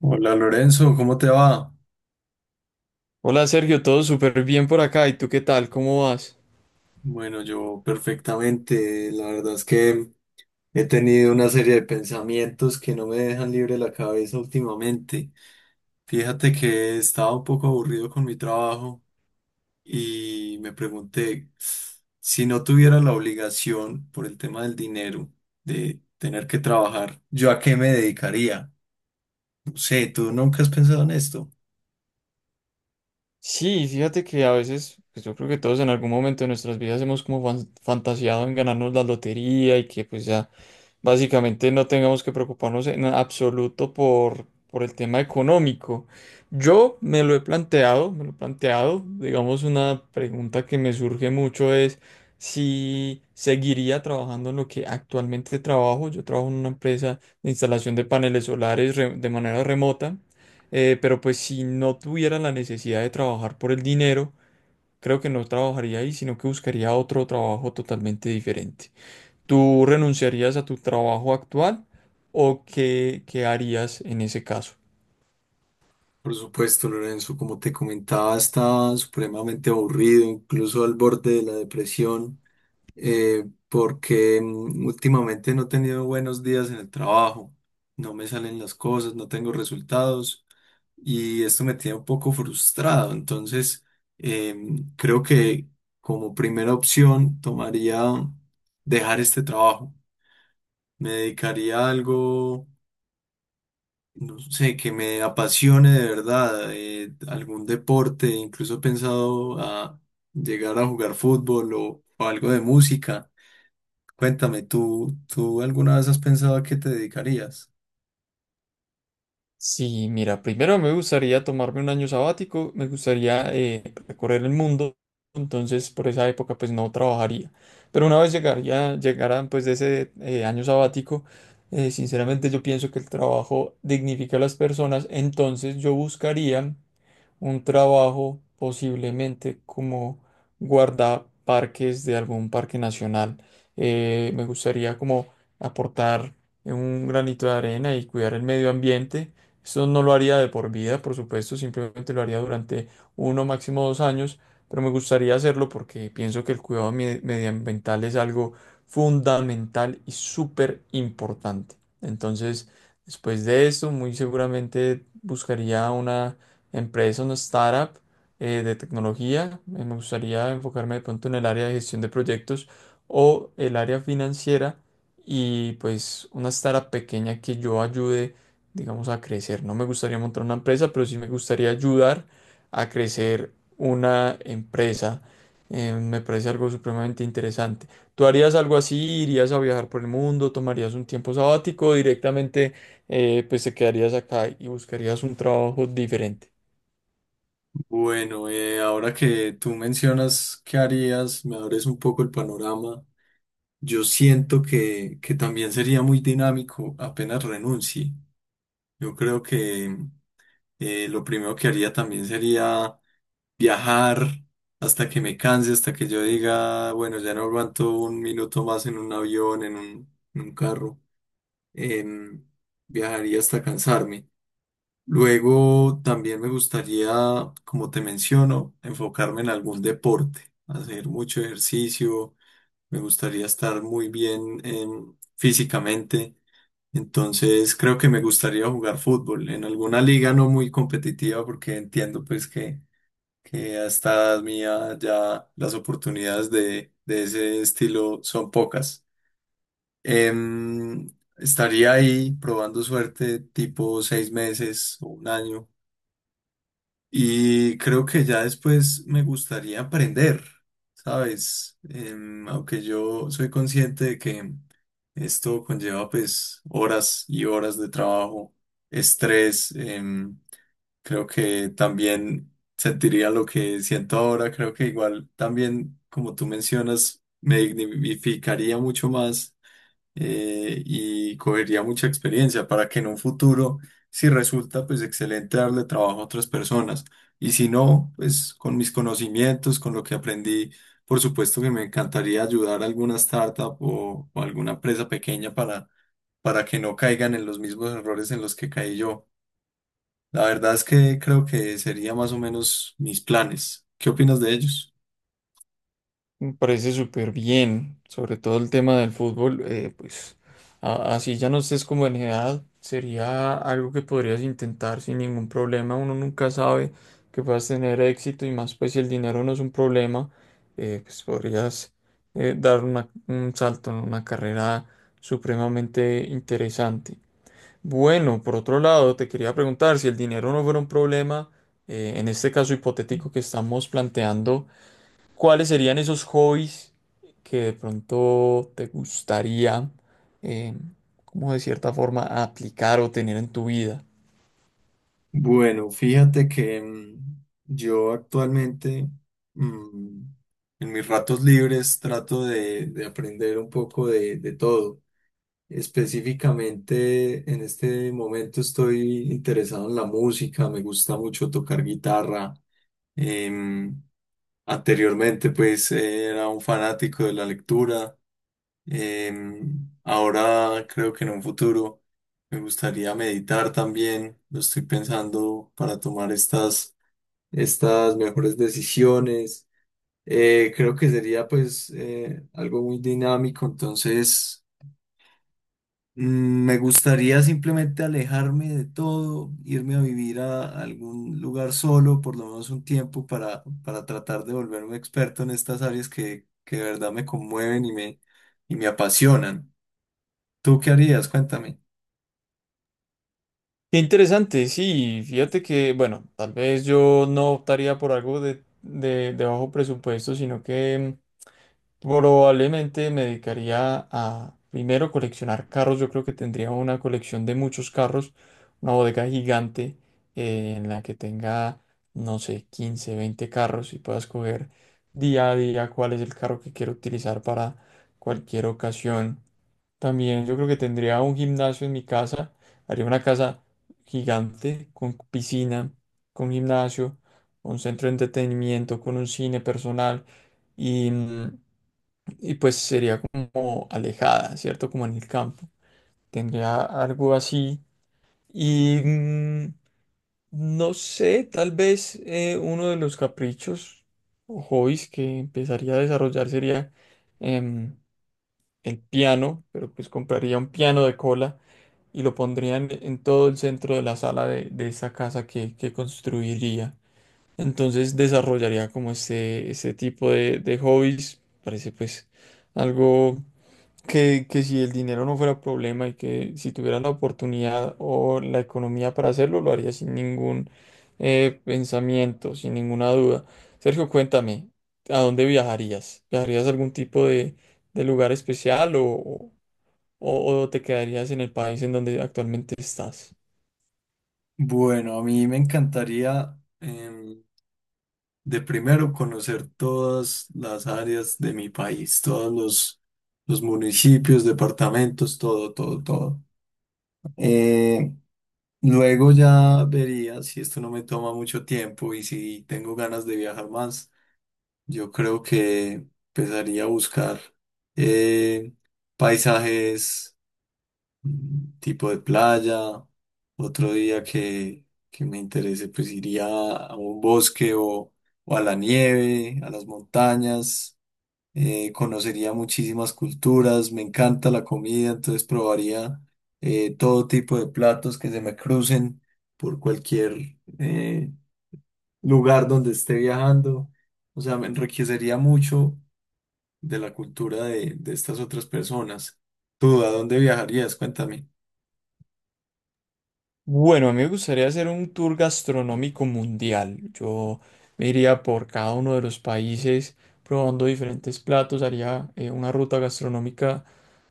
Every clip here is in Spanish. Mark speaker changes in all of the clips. Speaker 1: Hola Lorenzo, ¿cómo te va?
Speaker 2: Hola Sergio, todo súper bien por acá. ¿Y tú qué tal? ¿Cómo vas?
Speaker 1: Bueno, yo perfectamente. La verdad es que he tenido una serie de pensamientos que no me dejan libre la cabeza últimamente. Fíjate que estaba un poco aburrido con mi trabajo y me pregunté si no tuviera la obligación por el tema del dinero de tener que trabajar, ¿yo a qué me dedicaría? No sé, ¿tú nunca has pensado en esto?
Speaker 2: Sí, fíjate que a veces, pues yo creo que todos en algún momento de nuestras vidas hemos como fantaseado en ganarnos la lotería y que pues ya básicamente no tengamos que preocuparnos en absoluto por el tema económico. Yo me lo he planteado, me lo he planteado, digamos una pregunta que me surge mucho es si seguiría trabajando en lo que actualmente trabajo. Yo trabajo en una empresa de instalación de paneles solares de manera remota. Pero pues si no tuviera la necesidad de trabajar por el dinero, creo que no trabajaría ahí, sino que buscaría otro trabajo totalmente diferente. ¿Tú renunciarías a tu trabajo actual o qué harías en ese caso?
Speaker 1: Por supuesto, Lorenzo, como te comentaba, estaba supremamente aburrido, incluso al borde de la depresión, porque últimamente no he tenido buenos días en el trabajo, no me salen las cosas, no tengo resultados y esto me tiene un poco frustrado. Entonces, eh, creo que como primera opción tomaría dejar este trabajo, me dedicaría a algo no sé, que me apasione de verdad, algún deporte, incluso he pensado a llegar a jugar fútbol o algo de música. Cuéntame, ¿tú alguna vez has pensado a qué te dedicarías?
Speaker 2: Sí, mira, primero me gustaría tomarme un año sabático, me gustaría recorrer el mundo, entonces por esa época pues no trabajaría. Pero una vez llegaría, llegaran pues de ese año sabático, sinceramente yo pienso que el trabajo dignifica a las personas, entonces yo buscaría un trabajo posiblemente como guardaparques de algún parque nacional. Me gustaría como aportar un granito de arena y cuidar el medio ambiente. Esto no lo haría de por vida, por supuesto, simplemente lo haría durante uno, máximo 2 años, pero me gustaría hacerlo porque pienso que el cuidado medioambiental es algo fundamental y súper importante. Entonces, después de esto, muy seguramente buscaría una empresa, una startup de tecnología. Me gustaría enfocarme de pronto en el área de gestión de proyectos o el área financiera y pues una startup pequeña que yo ayude, digamos, a crecer. No me gustaría montar una empresa, pero sí me gustaría ayudar a crecer una empresa. Me parece algo supremamente interesante. ¿Tú harías algo así? ¿Irías a viajar por el mundo? ¿Tomarías un tiempo sabático? ¿O directamente, pues te quedarías acá y buscarías un trabajo diferente?
Speaker 1: Bueno, ahora que tú mencionas qué harías, me abres un poco el panorama. Yo siento que también sería muy dinámico apenas renuncie. Yo creo que lo primero que haría también sería viajar hasta que me canse, hasta que yo diga, bueno, ya no aguanto un minuto más en un avión, en un carro. em, Viajaría hasta cansarme. Luego también me gustaría, como te menciono, enfocarme en algún deporte, hacer mucho ejercicio. Me gustaría estar muy bien físicamente. Entonces creo que me gustaría jugar fútbol en alguna liga no muy competitiva porque entiendo pues que a esta edad mía ya las oportunidades de ese estilo son pocas. Em, Estaría ahí probando suerte tipo 6 meses o un año y creo que ya después me gustaría aprender, ¿sabes? Aunque yo soy consciente de que esto conlleva pues horas y horas de trabajo, estrés. Creo que también sentiría lo que siento ahora. Creo que igual también, como tú mencionas, me dignificaría mucho más y cogería mucha experiencia para que en un futuro, si resulta, pues excelente darle trabajo a otras personas. Y si no, pues con mis conocimientos, con lo que aprendí, por supuesto que me encantaría ayudar a alguna startup o alguna empresa pequeña para que no caigan en los mismos errores en los que caí yo. La verdad es que creo que sería más o menos mis planes. ¿Qué opinas de ellos?
Speaker 2: Me parece súper bien, sobre todo el tema del fútbol, pues así ya no estés como en edad, sería algo que podrías intentar sin ningún problema, uno nunca sabe que puedas tener éxito y más pues si el dinero no es un problema, pues podrías dar un salto en una carrera supremamente interesante. Bueno, por otro lado, te quería preguntar si el dinero no fuera un problema, en este caso hipotético que estamos planteando. ¿Cuáles serían esos hobbies que de pronto te gustaría, eh, como de cierta forma, aplicar o tener en tu vida?
Speaker 1: Bueno, fíjate que yo actualmente mm, en mis ratos libres trato de aprender un poco de todo. Específicamente en este momento estoy interesado en la música, me gusta mucho tocar guitarra. Em, Anteriormente pues era un fanático de la lectura. Ahora creo que en un futuro me gustaría meditar también. Lo estoy pensando para tomar estas mejores decisiones. Creo que sería pues algo muy dinámico. Entonces, mm, me gustaría simplemente alejarme de todo, irme a vivir a algún lugar solo, por lo menos un tiempo para tratar de volverme experto en estas áreas que de verdad me conmueven y me apasionan. ¿Tú qué harías? Cuéntame.
Speaker 2: Qué interesante, sí, fíjate que, bueno, tal vez yo no optaría por algo de, de bajo presupuesto, sino que probablemente me dedicaría a primero coleccionar carros. Yo creo que tendría una colección de muchos carros, una bodega gigante, en la que tenga, no sé, 15, 20 carros y pueda escoger día a día cuál es el carro que quiero utilizar para cualquier ocasión. También yo creo que tendría un gimnasio en mi casa, haría una casa gigante, con piscina, con gimnasio, con centro de entretenimiento, con un cine personal y, y pues sería como alejada, ¿cierto? Como en el campo. Tendría algo así y, no sé, tal vez uno de los caprichos o hobbies que empezaría a desarrollar sería em, el piano, pero pues compraría un piano de cola y lo pondría en todo el centro de la sala de esa casa que construiría. Entonces desarrollaría como este tipo de hobbies. Parece pues algo que si el dinero no fuera problema y que si tuviera la oportunidad o la economía para hacerlo, lo haría sin ningún pensamiento, sin ninguna duda. Sergio, cuéntame, ¿a dónde viajarías? ¿Viajarías a algún tipo de lugar especial o te quedarías en el país en donde actualmente estás?
Speaker 1: Bueno, a mí me encantaría de primero conocer todas las áreas de mi país, todos los municipios, departamentos, todo, todo, todo. Eh, Luego ya vería si esto no me toma mucho tiempo y si tengo ganas de viajar más. Yo creo que empezaría a buscar eh, paisajes tipo de playa. Otro día que me interese, pues iría a un bosque o a la nieve, a las montañas. Conocería muchísimas culturas. Me encanta la comida, entonces probaría todo tipo de platos que se me crucen por cualquier lugar donde esté viajando. O sea, me enriquecería mucho de la cultura de estas otras personas. ¿Tú a dónde viajarías? Cuéntame.
Speaker 2: Bueno, a mí me gustaría hacer un tour gastronómico mundial. Yo me iría por cada uno de los países probando diferentes platos, haría una ruta gastronómica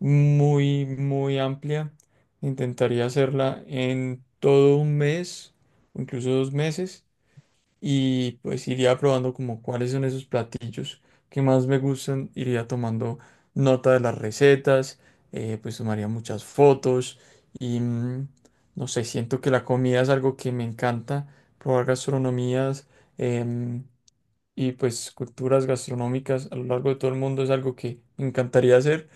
Speaker 2: muy, muy amplia. Intentaría hacerla en todo un mes o incluso 2 meses. Y pues iría probando como cuáles son esos platillos que más me gustan, iría tomando nota de las recetas, pues tomaría muchas fotos y, no sé, siento que la comida es algo que me encanta, probar gastronomías em, y pues culturas gastronómicas a lo largo de todo el mundo es algo que me encantaría hacer,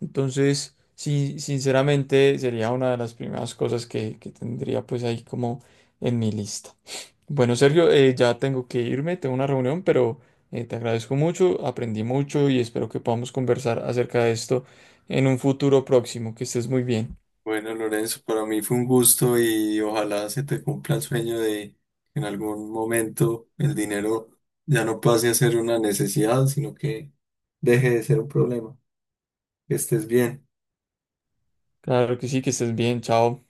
Speaker 2: entonces sí, sinceramente sería una de las primeras cosas que tendría pues ahí como en mi lista. Bueno, Sergio, ya tengo que irme, tengo una reunión, pero te agradezco mucho, aprendí mucho y espero que podamos conversar acerca de esto en un futuro próximo. Que estés muy bien.
Speaker 1: Bueno, Lorenzo, para mí fue un gusto y ojalá se te cumpla el sueño de que en algún momento el dinero ya no pase a ser una necesidad, sino que deje de ser un problema. Que estés bien.
Speaker 2: Claro que sí, que estés bien, chao.